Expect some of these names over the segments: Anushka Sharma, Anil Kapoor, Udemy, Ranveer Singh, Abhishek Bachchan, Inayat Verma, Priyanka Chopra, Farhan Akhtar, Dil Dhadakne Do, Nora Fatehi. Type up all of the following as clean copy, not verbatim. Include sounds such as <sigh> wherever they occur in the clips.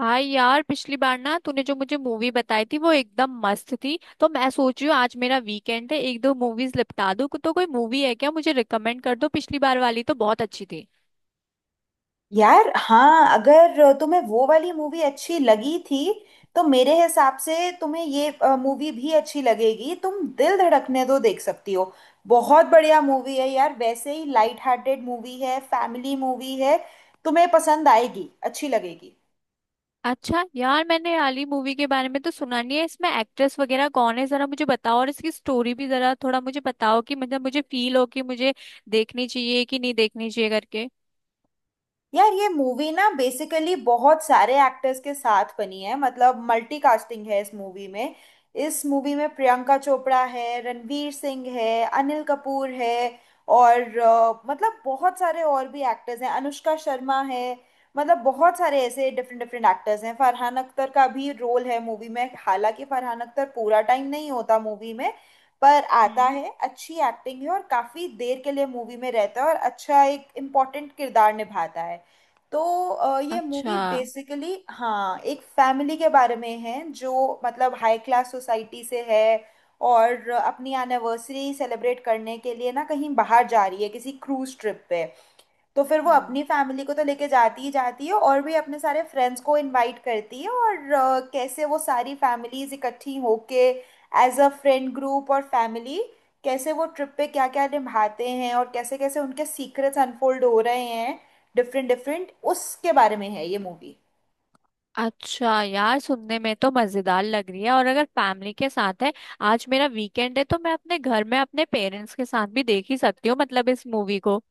हाँ यार, पिछली बार ना तूने जो मुझे मूवी बताई थी वो एकदम मस्त थी। तो मैं सोच रही हूँ, आज मेरा वीकेंड है, एक दो मूवीज निपटा दूँ। तो कोई मूवी है क्या? मुझे रिकमेंड कर दो। पिछली बार वाली तो बहुत अच्छी थी। यार हाँ, अगर तुम्हें वो वाली मूवी अच्छी लगी थी, तो मेरे हिसाब से तुम्हें ये मूवी भी अच्छी लगेगी। तुम दिल धड़कने दो देख सकती हो। बहुत बढ़िया मूवी है यार। वैसे ही लाइट हार्टेड मूवी है, फैमिली मूवी है। तुम्हें पसंद आएगी, अच्छी लगेगी। अच्छा यार, मैंने आली मूवी के बारे में तो सुना नहीं है। इसमें एक्ट्रेस वगैरह कौन है जरा मुझे बताओ, और इसकी स्टोरी भी जरा थोड़ा मुझे बताओ कि मतलब मुझे फील हो कि मुझे देखनी चाहिए कि नहीं देखनी चाहिए करके। यार ये मूवी ना बेसिकली बहुत सारे एक्टर्स के साथ बनी है। मतलब मल्टी कास्टिंग है इस मूवी में। इस मूवी में प्रियंका चोपड़ा है, रणवीर सिंह है, अनिल कपूर है, और मतलब बहुत सारे और भी एक्टर्स हैं, अनुष्का शर्मा है। मतलब बहुत सारे ऐसे डिफरेंट डिफरेंट एक्टर्स हैं। फरहान अख्तर का भी रोल है मूवी में, हालांकि फरहान अख्तर पूरा टाइम नहीं होता मूवी में, पर आता हम्म। है, अच्छी एक्टिंग है, और काफी देर के लिए मूवी में रहता है और अच्छा एक इम्पोर्टेंट किरदार निभाता है। तो ये अच्छा। मूवी बेसिकली हाँ एक फैमिली के बारे में है, जो मतलब हाई क्लास सोसाइटी से है और अपनी एनिवर्सरी सेलिब्रेट करने के लिए ना कहीं बाहर जा रही है, किसी क्रूज ट्रिप पे। तो फिर वो अपनी फैमिली को तो लेके जाती ही जाती है, और भी अपने सारे फ्रेंड्स को इनवाइट करती है, और कैसे वो सारी फैमिलीज इकट्ठी होके, एज अ फ्रेंड ग्रुप और फैमिली, कैसे वो ट्रिप पे क्या क्या निभाते हैं, और कैसे कैसे उनके सीक्रेट्स अनफोल्ड हो रहे हैं, डिफरेंट डिफरेंट, उसके बारे में है ये मूवी। अच्छा यार, सुनने में तो मजेदार लग रही है, और अगर फैमिली के साथ है, आज मेरा वीकेंड है तो मैं अपने घर में अपने पेरेंट्स के साथ भी देख ही सकती हूँ, मतलब इस मूवी को।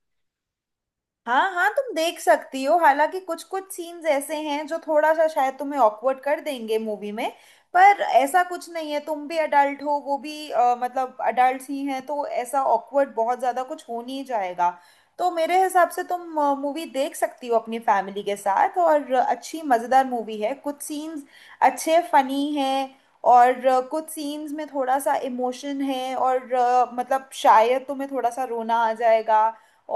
हाँ हाँ, तुम देख सकती हो। हालांकि कुछ कुछ सीन्स ऐसे हैं जो थोड़ा सा शायद तुम्हें ऑकवर्ड कर देंगे मूवी में। पर ऐसा कुछ नहीं है, तुम भी अडल्ट हो, वो भी मतलब अडल्ट ही हैं, तो ऐसा ऑकवर्ड बहुत ज़्यादा कुछ हो नहीं जाएगा। तो मेरे हिसाब से तुम मूवी देख सकती हो अपनी फैमिली के साथ। और अच्छी मज़ेदार मूवी है, कुछ सीन्स अच्छे फनी हैं, और कुछ सीन्स में थोड़ा सा इमोशन है, और मतलब शायद तुम्हें थोड़ा सा रोना आ जाएगा,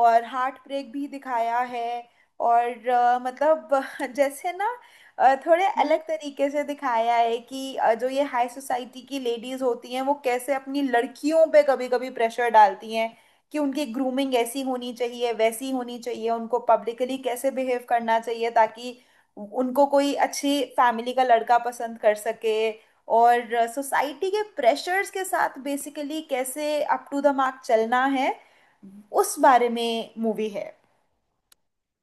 और हार्ट ब्रेक भी दिखाया है। और मतलब <laughs> जैसे ना थोड़े हम्म। अलग तरीके से दिखाया है कि जो ये हाई सोसाइटी की लेडीज होती हैं, वो कैसे अपनी लड़कियों पे कभी कभी प्रेशर डालती हैं कि उनकी ग्रूमिंग ऐसी होनी चाहिए, वैसी होनी चाहिए, उनको पब्लिकली कैसे बिहेव करना चाहिए, ताकि उनको कोई अच्छी फैमिली का लड़का पसंद कर सके, और सोसाइटी के प्रेशर्स के साथ बेसिकली कैसे अप टू द मार्क चलना है। उस बारे में मूवी है।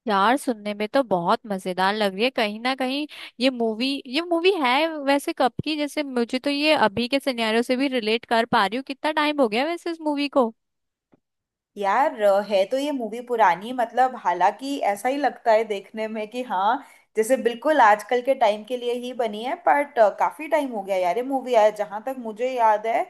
यार, सुनने में तो बहुत मजेदार लग रही है, कहीं ना कहीं। ये मूवी है वैसे कब की? जैसे मुझे तो ये अभी के सिनेरियो से भी रिलेट कर पा रही हूँ। कितना टाइम हो गया वैसे इस मूवी को? यार, है तो ये मूवी पुरानी, मतलब हालांकि ऐसा ही लगता है देखने में कि हाँ, जैसे बिल्कुल आजकल के टाइम के लिए ही बनी है, बट काफी टाइम हो गया यार ये मूवी आया, जहाँ तक मुझे याद है।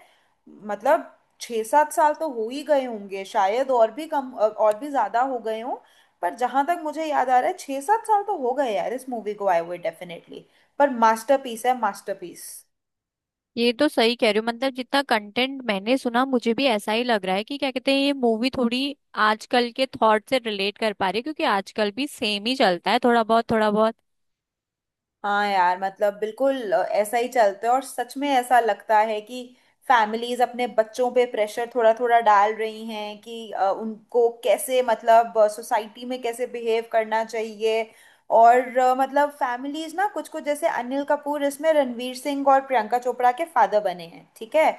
मतलब छः सात साल तो हो ही गए होंगे, शायद और भी कम, और भी ज्यादा हो गए हों। पर जहाँ तक मुझे याद आ रहा है, छः सात साल तो हो गए यार इस मूवी को आए हुए डेफिनेटली। पर मास्टरपीस है, मास्टरपीस। ये तो सही कह रही हो। मतलब जितना कंटेंट मैंने सुना, मुझे भी ऐसा ही लग रहा है कि क्या कहते हैं, ये मूवी थोड़ी आजकल के थॉट से रिलेट कर पा रही है, क्योंकि आजकल भी सेम ही चलता है थोड़ा बहुत थोड़ा बहुत। हाँ यार, मतलब बिल्कुल ऐसा ही चलता है, और सच में ऐसा लगता है कि फैमिलीज अपने बच्चों पे प्रेशर थोड़ा थोड़ा डाल रही हैं कि उनको कैसे, मतलब सोसाइटी में कैसे बिहेव करना चाहिए। और मतलब फैमिलीज ना कुछ कुछ, जैसे अनिल कपूर इसमें रणवीर सिंह और प्रियंका चोपड़ा के फादर बने हैं, ठीक है।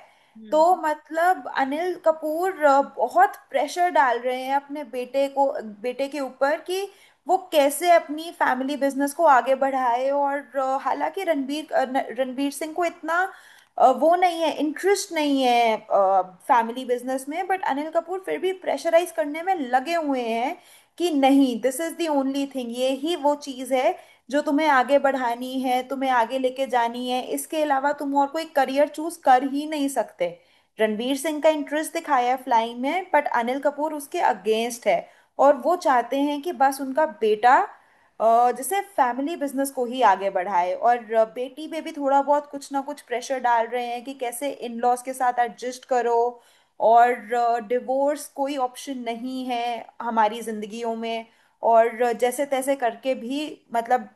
तो हम्म। मतलब अनिल कपूर बहुत प्रेशर डाल रहे हैं अपने बेटे को, बेटे के ऊपर, कि वो कैसे अपनी फैमिली बिजनेस को आगे बढ़ाए। और हालांकि रणबीर रणबीर सिंह को इतना वो नहीं है, इंटरेस्ट नहीं है फैमिली बिजनेस में, बट अनिल कपूर फिर भी प्रेशराइज करने में लगे हुए हैं कि नहीं, this is the only thing, ये ही वो चीज़ है जो तुम्हें आगे बढ़ानी है, तुम्हें आगे लेके जानी है, इसके अलावा तुम और कोई करियर चूज कर ही नहीं सकते। रणबीर सिंह का इंटरेस्ट दिखाया है फ्लाइंग में, बट अनिल कपूर उसके अगेंस्ट है, और वो चाहते हैं कि बस उनका बेटा जैसे फैमिली बिजनेस को ही आगे बढ़ाए। और बेटी पे भी थोड़ा बहुत कुछ ना कुछ प्रेशर डाल रहे हैं कि कैसे इन लॉज के साथ एडजस्ट करो, और डिवोर्स कोई ऑप्शन नहीं है हमारी जिंदगियों में, और जैसे तैसे करके भी मतलब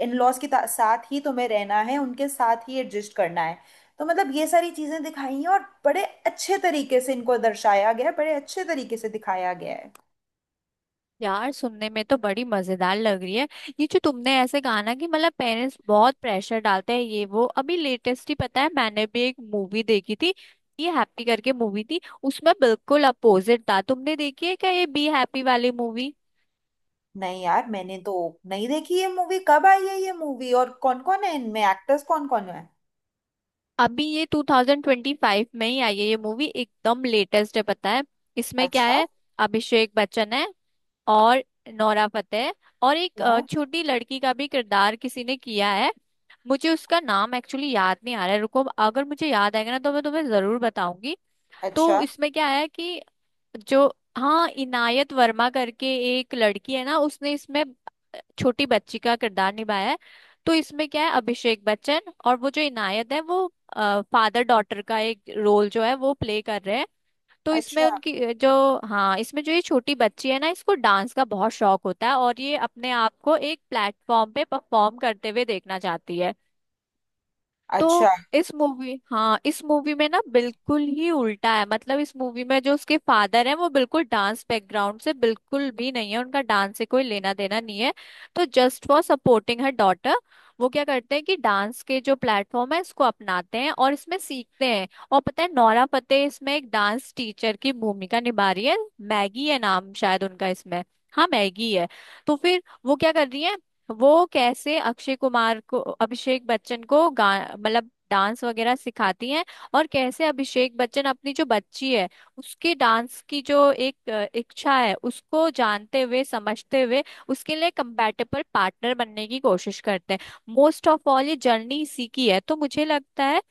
इन लॉज के साथ ही तुम्हें रहना है, उनके साथ ही एडजस्ट करना है। तो मतलब ये सारी चीजें दिखाई हैं, और बड़े अच्छे तरीके से इनको दर्शाया गया है, बड़े अच्छे तरीके से दिखाया गया है। यार, सुनने में तो बड़ी मजेदार लग रही है। ये जो तुमने ऐसे कहा ना कि मतलब पेरेंट्स बहुत प्रेशर डालते हैं, ये वो अभी लेटेस्ट ही, पता है, मैंने भी एक मूवी देखी थी। ये हैप्पी करके मूवी थी, उसमें बिल्कुल अपोजिट था। तुमने देखी है क्या ये बी हैप्पी वाली मूवी? नहीं यार, मैंने तो नहीं देखी ये मूवी। कब आई है ये मूवी, और कौन कौन है इनमें एक्टर्स, कौन कौन है? अभी ये 2025 में ही आई है ये मूवी, एकदम लेटेस्ट है, पता है। इसमें क्या अच्छा। है, अभिषेक बच्चन है, और नोरा फतेही है, और एक हाँ। छोटी लड़की का भी किरदार किसी ने किया है। मुझे उसका नाम एक्चुअली याद नहीं आ रहा है, रुको। अगर मुझे याद आएगा ना तो मैं तुम्हें जरूर बताऊंगी। तो अच्छा, इसमें क्या है कि जो, हाँ, इनायत वर्मा करके एक लड़की है ना, उसने इसमें छोटी बच्ची का किरदार निभाया है। तो इसमें क्या है, अभिषेक बच्चन और वो जो इनायत है, वो फादर डॉटर का एक रोल जो है वो प्ले कर रहे हैं। तो इसमें अच्छा, उनकी अ, जो हाँ, इसमें जो ये छोटी बच्ची है ना, इसको डांस का बहुत शौक होता है, और ये अपने आप को एक प्लेटफॉर्म पे परफॉर्म करते हुए देखना चाहती है। तो अच्छा। इस मूवी हाँ, इस मूवी में ना बिल्कुल ही उल्टा है। मतलब इस मूवी में जो उसके फादर हैं वो बिल्कुल डांस बैकग्राउंड से बिल्कुल भी नहीं है, उनका डांस से कोई लेना देना नहीं है। तो just for supporting her daughter वो क्या करते हैं कि डांस के जो प्लेटफॉर्म है इसको अपनाते हैं और इसमें सीखते हैं। और पता है, नोरा फतेही इसमें एक डांस टीचर की भूमिका निभा रही है। मैगी है नाम शायद उनका इसमें। हाँ, मैगी है। तो फिर वो क्या कर रही है, वो कैसे अक्षय कुमार को, अभिषेक बच्चन को गा मतलब डांस वगैरह सिखाती हैं। और कैसे अभिषेक बच्चन अपनी जो बच्ची है उसकी डांस की जो एक इच्छा है, उसको जानते हुए समझते हुए उसके लिए कंपैटिबल पार्टनर बनने की कोशिश करते हैं। मोस्ट ऑफ ऑल ये जर्नी इसी की है, तो मुझे लगता है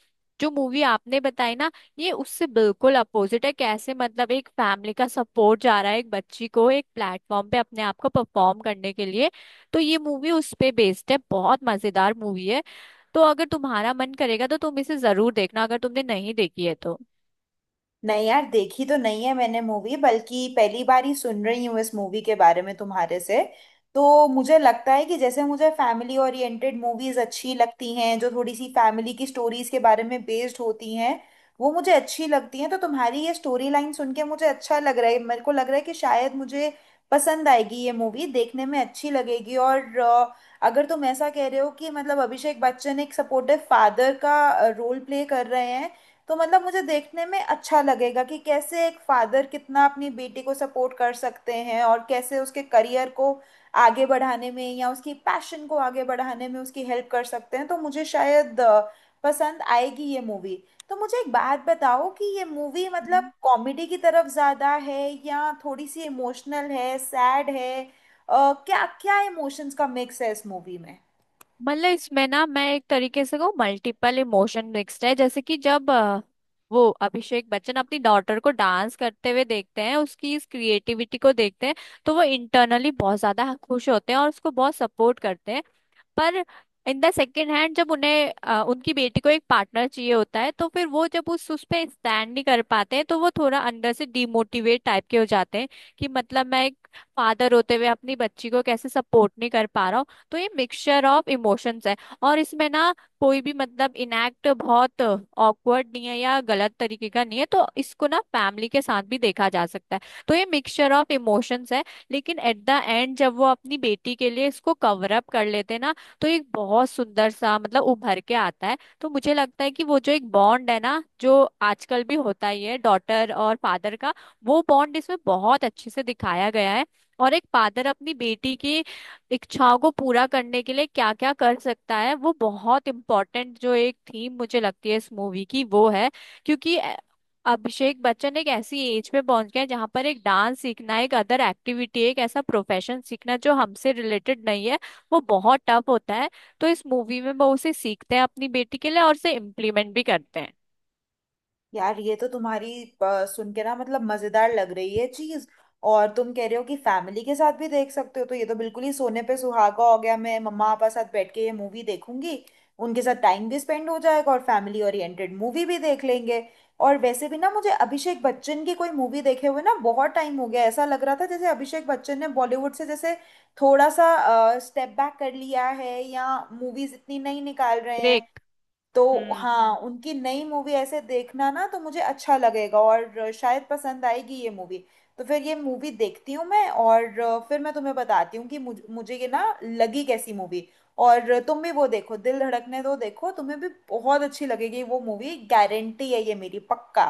जो मूवी आपने बताई ना, ये उससे बिल्कुल अपोजिट है। कैसे मतलब एक फैमिली का सपोर्ट जा रहा है एक बच्ची को, एक प्लेटफॉर्म पे अपने आप को परफॉर्म करने के लिए। तो ये मूवी उस पे बेस्ड है, बहुत मजेदार मूवी है। तो अगर तुम्हारा मन करेगा तो तुम इसे जरूर देखना, अगर तुमने नहीं देखी है तो। नहीं यार, देखी तो नहीं है मैंने मूवी, बल्कि पहली बार ही सुन रही हूँ इस मूवी के बारे में तुम्हारे से। तो मुझे लगता है कि जैसे मुझे फैमिली ओरिएंटेड मूवीज अच्छी लगती हैं, जो थोड़ी सी फैमिली की स्टोरीज के बारे में बेस्ड होती हैं, वो मुझे अच्छी लगती हैं। तो तुम्हारी ये स्टोरी लाइन सुन के मुझे अच्छा लग रहा है, मेरे को लग रहा है कि शायद मुझे पसंद आएगी ये मूवी, देखने में अच्छी लगेगी। और अगर तुम ऐसा कह रहे हो कि मतलब अभिषेक बच्चन एक सपोर्टिव फादर का रोल प्ले कर रहे हैं, तो मतलब मुझे देखने में अच्छा लगेगा कि कैसे एक फादर कितना अपनी बेटी को सपोर्ट कर सकते हैं, और कैसे उसके करियर को आगे बढ़ाने में या उसकी पैशन को आगे बढ़ाने में उसकी हेल्प कर सकते हैं। तो मुझे शायद पसंद आएगी ये मूवी। तो मुझे एक बात बताओ कि ये मूवी मतलब हम्म। कॉमेडी की तरफ ज़्यादा है, या थोड़ी सी इमोशनल है, सैड है? क्या क्या इमोशंस का मिक्स है इस मूवी में? मतलब इसमें ना, मैं एक तरीके से कहूँ, मल्टीपल इमोशन मिक्स्ड है। जैसे कि जब वो अभिषेक बच्चन अपनी डॉटर को डांस करते हुए देखते हैं, उसकी इस क्रिएटिविटी को देखते हैं, तो वो इंटरनली बहुत ज्यादा खुश होते हैं और उसको बहुत सपोर्ट करते हैं। पर इन द सेकेंड हैंड, जब उन्हें उनकी बेटी को एक पार्टनर चाहिए होता है, तो फिर वो जब उस पे स्टैंड नहीं कर पाते हैं, तो वो थोड़ा अंदर से डिमोटिवेट टाइप के हो जाते हैं कि मतलब मैं एक फादर होते हुए अपनी बच्ची को कैसे सपोर्ट नहीं कर पा रहा हूँ। तो ये मिक्सचर ऑफ इमोशंस है। और इसमें ना कोई भी मतलब इनएक्ट बहुत ऑकवर्ड नहीं है या गलत तरीके का नहीं है, तो इसको ना फैमिली के साथ भी देखा जा सकता है। तो ये मिक्सचर ऑफ इमोशंस है। लेकिन एट द एंड जब वो अपनी बेटी के लिए इसको कवर अप कर लेते हैं ना, तो एक बहुत सुंदर सा मतलब उभर के आता है। तो मुझे लगता है कि वो जो एक बॉन्ड है ना, जो आजकल भी होता ही है, डॉटर और फादर का, वो बॉन्ड इसमें बहुत अच्छे से दिखाया गया है। और एक फादर अपनी बेटी की इच्छाओं को पूरा करने के लिए क्या क्या कर सकता है, वो बहुत इम्पोर्टेंट जो एक थीम मुझे लगती है इस मूवी की, वो है। क्योंकि अभिषेक बच्चन एक ऐसी एज पे पहुंच गया है जहाँ पर एक डांस सीखना, एक अदर एक्टिविटी, एक ऐसा प्रोफेशन सीखना जो हमसे रिलेटेड नहीं है, वो बहुत टफ होता है। तो इस मूवी में वो उसे सीखते हैं अपनी बेटी के लिए, और उसे इम्प्लीमेंट भी करते हैं। यार ये तो तुम्हारी सुन के ना मतलब मजेदार लग रही है चीज। और तुम कह रहे हो कि फैमिली के साथ भी देख सकते हो, तो ये तो बिल्कुल ही सोने पे सुहागा हो गया। मैं मम्मा पापा साथ बैठ के ये मूवी देखूंगी, उनके साथ टाइम भी स्पेंड हो जाएगा और फैमिली ओरिएंटेड मूवी भी देख लेंगे। और वैसे भी ना मुझे अभिषेक बच्चन की कोई मूवी देखे हुए ना बहुत टाइम हो गया। ऐसा लग रहा था जैसे अभिषेक बच्चन ने बॉलीवुड से जैसे थोड़ा सा स्टेप बैक कर लिया है, या मूवीज इतनी नहीं निकाल रहे हैं। ब्रेक। तो हम्म। हाँ, उनकी नई मूवी ऐसे देखना ना तो मुझे अच्छा लगेगा, और शायद पसंद आएगी ये मूवी। तो फिर ये मूवी देखती हूँ मैं, और फिर मैं तुम्हें बताती हूँ कि मुझे ये ना लगी कैसी मूवी। और तुम भी वो देखो, दिल धड़कने दो देखो, तुम्हें भी बहुत अच्छी लगेगी वो मूवी, गारंटी है ये मेरी, पक्का।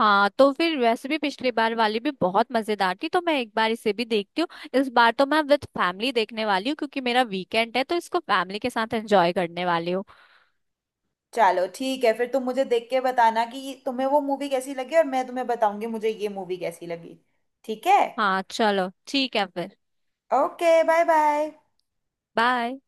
हाँ, तो फिर वैसे भी पिछली बार वाली भी बहुत मजेदार थी, तो मैं एक बार इसे भी देखती हूँ। इस बार तो मैं विद फैमिली देखने वाली हूँ क्योंकि मेरा वीकेंड है, तो इसको फैमिली के साथ एंजॉय करने वाली हूँ। चलो ठीक है फिर, तुम मुझे देख के बताना कि तुम्हें वो मूवी कैसी लगी, और मैं तुम्हें बताऊंगी मुझे ये मूवी कैसी लगी। ठीक है। हाँ, चलो ठीक है फिर। Okay, bye bye. बाय।